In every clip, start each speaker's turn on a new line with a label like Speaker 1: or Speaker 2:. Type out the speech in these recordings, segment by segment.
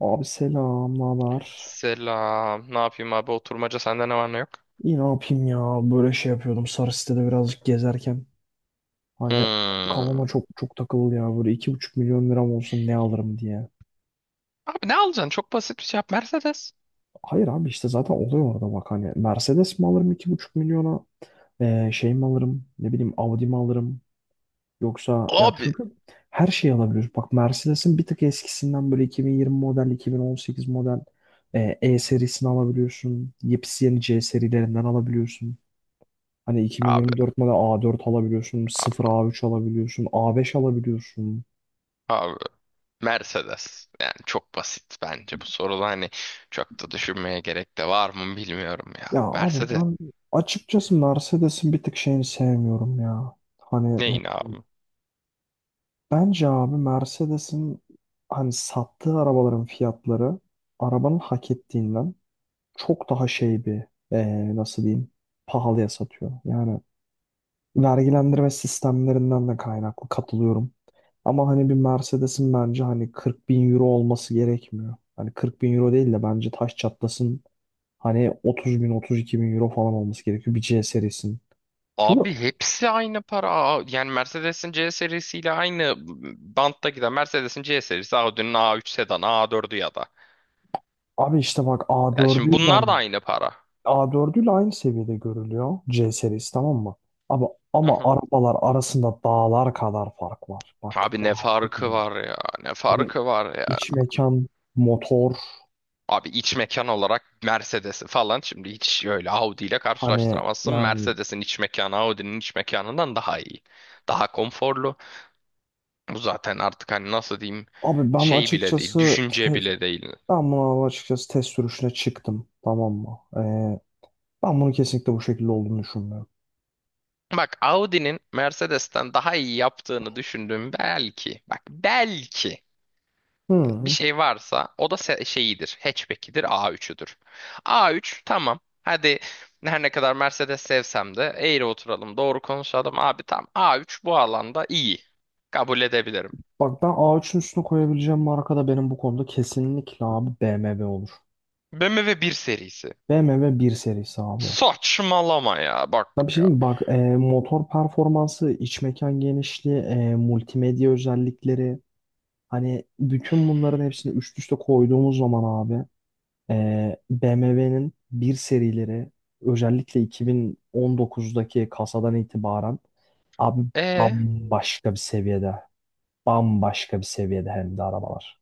Speaker 1: Abi selam, ne.
Speaker 2: Selam. Ne yapayım abi? Oturmaca sende ne var ne yok?
Speaker 1: İyi, ne yapayım ya? Böyle şey yapıyordum, sarı sitede birazcık gezerken. Hani kafama
Speaker 2: Hmm.
Speaker 1: çok çok takıldı ya. Böyle 2,5 milyon liram olsun ne alırım diye.
Speaker 2: Abi ne alacaksın? Çok basit bir şey yap. Mercedes.
Speaker 1: Hayır abi, işte zaten oluyor orada bak hani. Mercedes mi alırım 2,5 milyona? Şey mi alırım? Ne bileyim, Audi mi alırım? Yoksa ya,
Speaker 2: Abi.
Speaker 1: çünkü her şeyi alabiliyoruz. Bak, Mercedes'in bir tık eskisinden böyle 2020 model, 2018 model, E serisini alabiliyorsun. Yepyeni C serilerinden alabiliyorsun. Hani
Speaker 2: Abi.
Speaker 1: 2024 model A4 alabiliyorsun, sıfır A3 alabiliyorsun, A5 alabiliyorsun.
Speaker 2: Abi. Mercedes. Yani çok basit bence bu soruda hani çok da düşünmeye gerek de var mı bilmiyorum ya.
Speaker 1: Ya abi,
Speaker 2: Mercedes.
Speaker 1: ben açıkçası Mercedes'in bir tık şeyini sevmiyorum ya. Hani
Speaker 2: Neyin abi?
Speaker 1: bence abi Mercedes'in hani sattığı arabaların fiyatları, arabanın hak ettiğinden çok daha şey bir, nasıl diyeyim, pahalıya satıyor. Yani vergilendirme sistemlerinden de kaynaklı katılıyorum. Ama hani bir Mercedes'in bence hani 40 bin euro olması gerekmiyor. Hani 40 bin euro değil de bence taş çatlasın hani 30 bin, 32 bin euro falan olması gerekiyor bir C serisinin. Çünkü
Speaker 2: Abi hepsi aynı para. Yani Mercedes'in C serisiyle aynı bantta giden Mercedes'in C serisi Audi'nin A3 sedanı A4'ü ya da.
Speaker 1: abi işte bak,
Speaker 2: Ya şimdi
Speaker 1: A4'üyle
Speaker 2: bunlar da aynı para.
Speaker 1: A4'üyle aynı seviyede görülüyor C serisi, tamam mı? Abi ama arabalar arasında dağlar kadar fark var. Bak,
Speaker 2: Abi ne
Speaker 1: dağlar kadar.
Speaker 2: farkı var ya? Ne
Speaker 1: Abi
Speaker 2: farkı var ya?
Speaker 1: iç mekan, motor,
Speaker 2: Abi iç mekan olarak Mercedes'i falan şimdi hiç öyle Audi ile
Speaker 1: hani
Speaker 2: karşılaştıramazsın.
Speaker 1: yani.
Speaker 2: Mercedes'in iç mekanı Audi'nin iç mekanından daha iyi. Daha konforlu. Bu zaten artık hani nasıl diyeyim
Speaker 1: Abi ben
Speaker 2: şey bile değil,
Speaker 1: açıkçası
Speaker 2: düşünce bile değil.
Speaker 1: ben bunu açıkçası test sürüşüne çıktım. Tamam mı? Ben bunu kesinlikle bu şekilde olduğunu düşünmüyorum.
Speaker 2: Bak Audi'nin Mercedes'ten daha iyi yaptığını düşündüğüm belki. Bak belki bir
Speaker 1: Hı.
Speaker 2: şey varsa o da şeyidir. Hatchback'idir, A3'üdür. A3 tamam. Hadi her ne kadar Mercedes sevsem de eğri oturalım, doğru konuşalım. Abi tam A3 bu alanda iyi. Kabul edebilirim.
Speaker 1: Bak, ben A3'ün üstüne koyabileceğim marka da benim bu konuda kesinlikle abi BMW olur.
Speaker 2: BMW bir serisi.
Speaker 1: BMW bir serisi abi.
Speaker 2: Saçmalama ya bak
Speaker 1: Ben bir şey
Speaker 2: ya.
Speaker 1: diyeyim mi? Bak, motor performansı, iç mekan genişliği, multimedya özellikleri. Hani bütün bunların hepsini üst üste koyduğumuz zaman abi. BMW'nin bir serileri, özellikle 2019'daki kasadan itibaren abi,
Speaker 2: E
Speaker 1: bambaşka bir seviyede. Bambaşka bir seviyede hem de arabalar.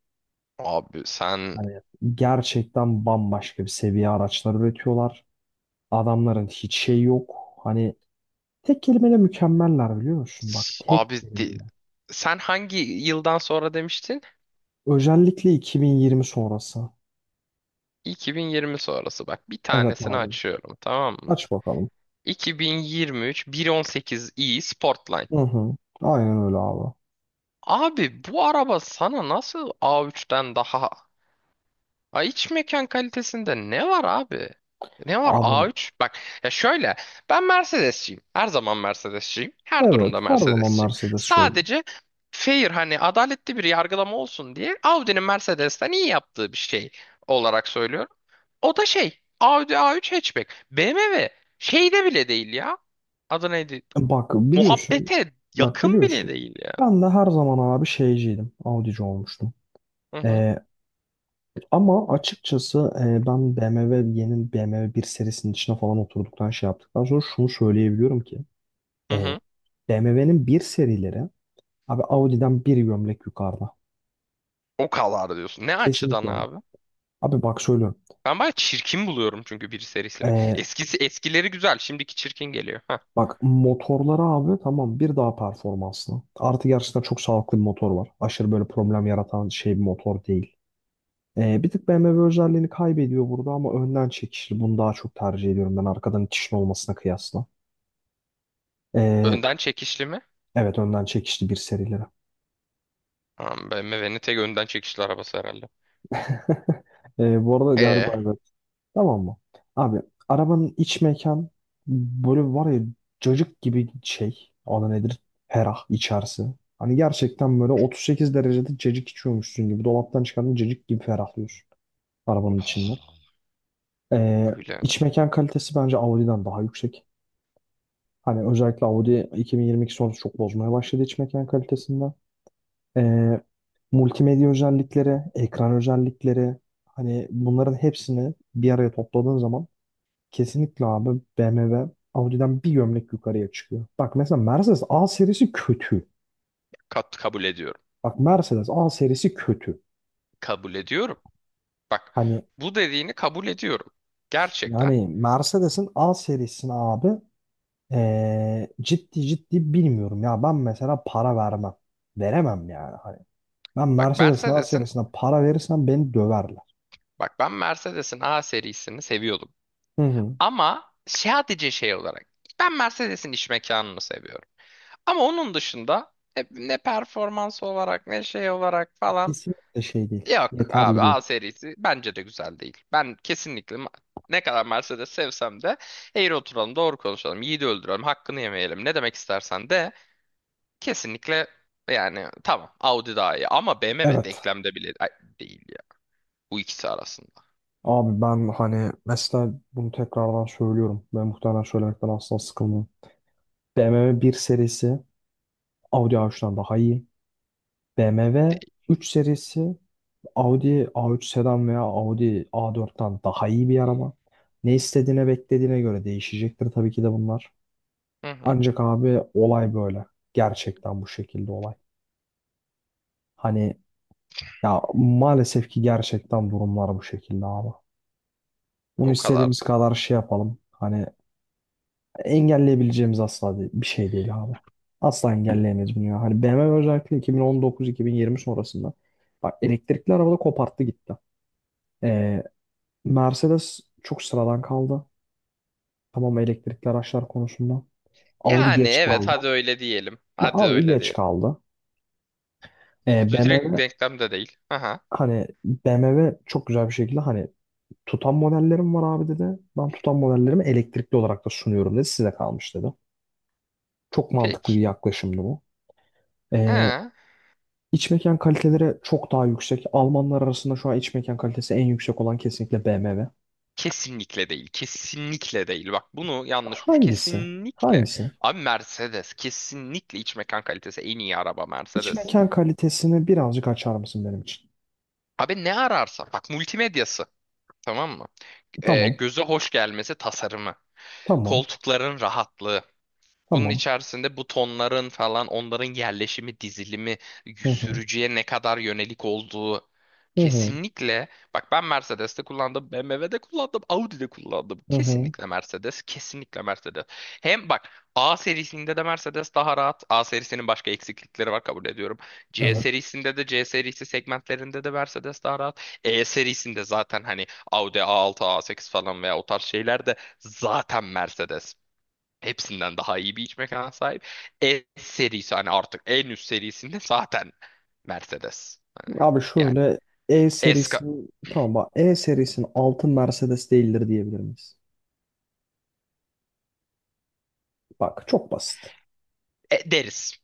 Speaker 2: abi sen
Speaker 1: Hani gerçekten bambaşka bir seviye araçlar üretiyorlar. Adamların hiç şey yok. Hani tek kelimeyle mükemmeller, biliyor musun? Bak, tek
Speaker 2: abi di-
Speaker 1: kelimeyle.
Speaker 2: Sen hangi yıldan sonra demiştin?
Speaker 1: Özellikle 2020 sonrası.
Speaker 2: 2020 sonrası bak bir
Speaker 1: Evet
Speaker 2: tanesini
Speaker 1: abi.
Speaker 2: açıyorum tamam mı?
Speaker 1: Aç bakalım.
Speaker 2: 2023 1.18i Sportline.
Speaker 1: Hı hı. Aynen öyle abi.
Speaker 2: Abi bu araba sana nasıl A3'ten daha? Ha, iç mekan kalitesinde ne var abi? Ne var
Speaker 1: Abi
Speaker 2: A3? Bak ya şöyle ben Mercedesçiyim. Her zaman Mercedesçiyim. Her durumda
Speaker 1: evet, her zaman
Speaker 2: Mercedesçiyim.
Speaker 1: Mercedesçi ol.
Speaker 2: Sadece fair hani adaletli bir yargılama olsun diye Audi'nin Mercedes'ten iyi yaptığı bir şey olarak söylüyorum. O da şey Audi A3 hatchback. BMW şeyde bile değil ya. Adı neydi?
Speaker 1: Bak biliyorsun,
Speaker 2: Muhabbete
Speaker 1: bak
Speaker 2: yakın bile
Speaker 1: biliyorsun.
Speaker 2: değil ya.
Speaker 1: Ben de her zaman abi şeyciydim, Audi'ci olmuştum.
Speaker 2: Hı hı.
Speaker 1: Ee, ama açıkçası ben BMW, yeni BMW bir serisinin içine falan oturduktan, şey yaptıktan sonra şunu söyleyebiliyorum ki
Speaker 2: Hı
Speaker 1: e,
Speaker 2: hı.
Speaker 1: BMW'nin bir serileri abi Audi'den bir gömlek yukarıda.
Speaker 2: O kadar diyorsun. Ne açıdan
Speaker 1: Kesinlikle.
Speaker 2: abi?
Speaker 1: Abi bak söylüyorum.
Speaker 2: Ben bayağı çirkin buluyorum çünkü bir serisini.
Speaker 1: Ee,
Speaker 2: Eskisi eskileri güzel, şimdiki çirkin geliyor. Hah.
Speaker 1: bak motorları abi, tamam, bir daha performanslı. Artı gerçekten çok sağlıklı bir motor var. Aşırı böyle problem yaratan şey bir motor değil. Bir tık BMW özelliğini kaybediyor burada ama önden çekişli. Bunu daha çok tercih ediyorum, ben arkadan itişin olmasına kıyasla. Ee,
Speaker 2: Önden çekişli mi?
Speaker 1: evet önden çekişli bir serilere.
Speaker 2: Tamam, BMW'nin tek önden çekişli arabası herhalde.
Speaker 1: Bu arada
Speaker 2: E,
Speaker 1: galiba evet. Tamam mı? Abi, arabanın iç mekan, böyle var ya, cacık gibi şey. Adı nedir? Ferah içerisi. Hani gerçekten böyle 38 derecede cacık içiyormuşsun gibi. Dolaptan çıkardığın cacık gibi ferahlıyorsun arabanın içinden.
Speaker 2: oh,
Speaker 1: Ee,
Speaker 2: öyle mi?
Speaker 1: iç mekan kalitesi bence Audi'den daha yüksek. Hani özellikle Audi 2022 sonrası çok bozmaya başladı iç mekan kalitesinde. Ee, multimedya özellikleri, ekran özellikleri, hani bunların hepsini bir araya topladığın zaman kesinlikle abi BMW Audi'den bir gömlek yukarıya çıkıyor. Bak mesela Mercedes A serisi kötü.
Speaker 2: Kat kabul ediyorum.
Speaker 1: Bak Mercedes A serisi kötü.
Speaker 2: Kabul ediyorum. Bak,
Speaker 1: Hani
Speaker 2: bu dediğini kabul ediyorum. Gerçekten.
Speaker 1: yani Mercedes'in A serisini abi, ciddi ciddi bilmiyorum ya, ben mesela para vermem. Veremem yani. Hani ben
Speaker 2: Bak
Speaker 1: Mercedes'in A
Speaker 2: Mercedes'in,
Speaker 1: serisinden para verirsem beni döverler.
Speaker 2: bak ben Mercedes'in A serisini seviyordum.
Speaker 1: Hı hı.
Speaker 2: Ama sadece şey olarak ben Mercedes'in iç mekanını seviyorum. Ama onun dışında ne performans olarak ne şey olarak falan
Speaker 1: Kesinlikle şey değil.
Speaker 2: yok
Speaker 1: Yeterli
Speaker 2: abi, A
Speaker 1: değil.
Speaker 2: serisi bence de güzel değil. Ben kesinlikle ne kadar Mercedes sevsem de eğri oturalım doğru konuşalım yiğidi öldürelim hakkını yemeyelim ne demek istersen de kesinlikle yani tamam Audi daha iyi ama BMW
Speaker 1: Evet.
Speaker 2: denklemde bile değil ya bu ikisi arasında
Speaker 1: Abi ben hani mesela bunu tekrardan söylüyorum. Ben muhtemelen söylemekten asla sıkılmıyorum. BMW bir serisi Audi A3'ten daha iyi. BMW
Speaker 2: değil.
Speaker 1: 3 serisi Audi A3 sedan veya Audi A4'ten daha iyi bir araba. Ne istediğine, beklediğine göre değişecektir tabii ki de bunlar.
Speaker 2: Hı hı.
Speaker 1: Ancak abi olay böyle. Gerçekten bu şekilde olay. Hani, ya maalesef ki gerçekten durumlar bu şekilde abi. Bunu
Speaker 2: O kadar
Speaker 1: istediğimiz
Speaker 2: diyor.
Speaker 1: kadar şey yapalım. Hani engelleyebileceğimiz asla bir şey değil abi. Asla engelleyemeyiz bunu ya. Hani BMW özellikle 2019-2020 sonrasında bak elektrikli arabada koparttı gitti. Ee, Mercedes çok sıradan kaldı. Tamam, elektrikli araçlar konusunda. Audi
Speaker 2: Yani
Speaker 1: geç
Speaker 2: evet
Speaker 1: kaldı.
Speaker 2: hadi öyle diyelim.
Speaker 1: Bak
Speaker 2: Hadi
Speaker 1: Audi
Speaker 2: öyle
Speaker 1: geç
Speaker 2: diyelim.
Speaker 1: kaldı.
Speaker 2: Audi direkt
Speaker 1: BMW,
Speaker 2: denklemde değil. Aha.
Speaker 1: hani BMW çok güzel bir şekilde, hani tutan modellerim var abi dedi. Ben tutan modellerimi elektrikli olarak da sunuyorum dedi. Size kalmış dedi. Çok mantıklı bir
Speaker 2: Peki.
Speaker 1: yaklaşımdı bu. Ee,
Speaker 2: Ha.
Speaker 1: iç mekan kaliteleri çok daha yüksek. Almanlar arasında şu an iç mekan kalitesi en yüksek olan kesinlikle BMW.
Speaker 2: Kesinlikle değil. Kesinlikle değil. Bak bunu yanlış.
Speaker 1: Hangisi?
Speaker 2: Kesinlikle.
Speaker 1: Hangisi?
Speaker 2: Abi Mercedes. Kesinlikle iç mekan kalitesi en iyi araba
Speaker 1: İç
Speaker 2: Mercedes.
Speaker 1: mekan kalitesini birazcık açar mısın benim için?
Speaker 2: Abi ne ararsa. Bak multimedyası. Tamam mı?
Speaker 1: Tamam,
Speaker 2: Göze hoş gelmesi tasarımı.
Speaker 1: tamam,
Speaker 2: Koltukların rahatlığı. Bunun
Speaker 1: tamam.
Speaker 2: içerisinde butonların falan onların yerleşimi, dizilimi,
Speaker 1: Hı hı,
Speaker 2: sürücüye ne kadar yönelik olduğu
Speaker 1: hı hı,
Speaker 2: kesinlikle, bak ben Mercedes'te kullandım, BMW'de kullandım, Audi'de kullandım.
Speaker 1: hı hı.
Speaker 2: Kesinlikle Mercedes, kesinlikle Mercedes. Hem bak A serisinde de Mercedes daha rahat. A serisinin başka eksiklikleri var, kabul ediyorum. C
Speaker 1: Evet.
Speaker 2: serisinde de, C serisi segmentlerinde de Mercedes daha rahat. E serisinde zaten hani Audi A6, A8 falan veya o tarz şeyler de zaten Mercedes. Hepsinden daha iyi bir iç mekana sahip. S serisi hani artık en üst serisinde zaten Mercedes.
Speaker 1: Abi
Speaker 2: Yani
Speaker 1: şöyle, E
Speaker 2: eska
Speaker 1: serisi, tamam, bak, E serisinin altın Mercedes değildir diyebilir miyiz? Bak çok basit.
Speaker 2: deriz.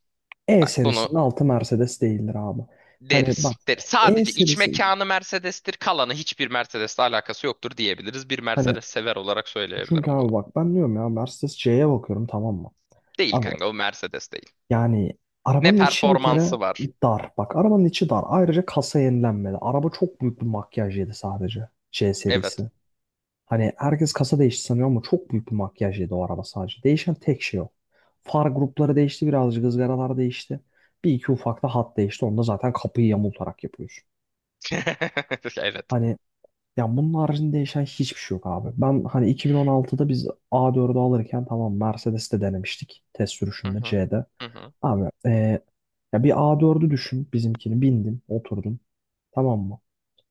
Speaker 1: E
Speaker 2: Bak bunu
Speaker 1: serisinin altı Mercedes değildir abi. Hani bak
Speaker 2: deriz. Deriz.
Speaker 1: E
Speaker 2: Sadece iç
Speaker 1: serisinin,
Speaker 2: mekanı Mercedes'tir. Kalanı hiçbir Mercedes'le alakası yoktur diyebiliriz. Bir
Speaker 1: hani,
Speaker 2: Mercedes sever olarak
Speaker 1: çünkü
Speaker 2: söyleyebilirim bunu.
Speaker 1: abi bak ben diyorum ya, Mercedes C'ye bakıyorum, tamam mı?
Speaker 2: Değil
Speaker 1: Abi
Speaker 2: kanka, o Mercedes değil.
Speaker 1: yani
Speaker 2: Ne
Speaker 1: arabanın içi bir kere
Speaker 2: performansı var.
Speaker 1: dar. Bak, arabanın içi dar. Ayrıca kasa yenilenmedi. Araba çok büyük bir makyaj yedi, sadece C
Speaker 2: Evet.
Speaker 1: serisi. Hani herkes kasa değişti sanıyor ama çok büyük bir makyaj yedi o araba sadece. Değişen tek şey o. Far grupları değişti, birazcık ızgaralar değişti. Bir iki ufak da hat değişti. Onu da zaten kapıyı yamultarak yapıyorsun.
Speaker 2: Evet.
Speaker 1: Hani ya, bunun haricinde değişen hiçbir şey yok abi. Ben hani 2016'da biz A4'ü alırken, tamam, Mercedes'te denemiştik. Test
Speaker 2: Hı
Speaker 1: sürüşünde
Speaker 2: hı.
Speaker 1: C'de.
Speaker 2: Hı hı.
Speaker 1: Abi ya bir A4'ü düşün, bizimkini bindin oturdun, tamam mı?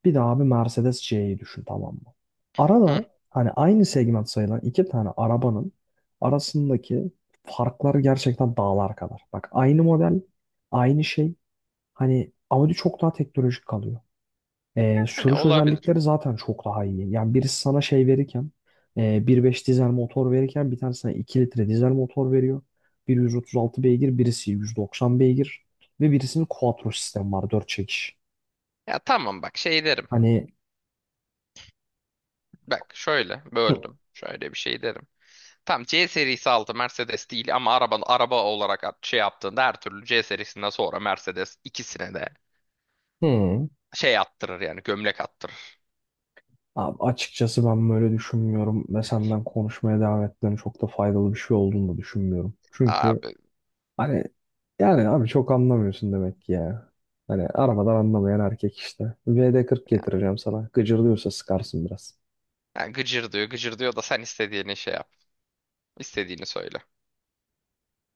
Speaker 1: Bir de abi Mercedes C'yi düşün, tamam mı?
Speaker 2: Hı.
Speaker 1: Arada hani aynı segment sayılan iki tane arabanın arasındaki farklar gerçekten dağlar kadar. Bak aynı model, aynı şey, hani Audi çok daha teknolojik kalıyor. Ee,
Speaker 2: Hani
Speaker 1: sürüş
Speaker 2: olabilir.
Speaker 1: özellikleri zaten çok daha iyi. Yani birisi sana şey verirken, e, 1.5 dizel motor verirken, bir tane sana 2 litre dizel motor veriyor. Biri 136 beygir, birisi 190 beygir ve birisinin quattro sistemi var, 4 çekiş.
Speaker 2: Ya tamam bak şey derim.
Speaker 1: Hani.
Speaker 2: Bak şöyle
Speaker 1: Hı.
Speaker 2: böldüm. Şöyle bir şey derim. Tam C serisi altı Mercedes değil ama araba araba olarak şey yaptığında her türlü C serisinden sonra Mercedes ikisine de
Speaker 1: Hı.
Speaker 2: şey attırır yani gömlek attırır.
Speaker 1: Abi açıkçası ben böyle düşünmüyorum ve senden konuşmaya devam etmenin çok da faydalı bir şey olduğunu da düşünmüyorum. Çünkü.
Speaker 2: Abi
Speaker 1: Hani yani abi, çok anlamıyorsun demek ki ya. Hani arabadan anlamayan erkek işte. VD40 getireceğim sana. Gıcırlıyorsa sıkarsın biraz.
Speaker 2: yani gıcır diyor gıcır diyor da sen istediğini şey yap. İstediğini söyle.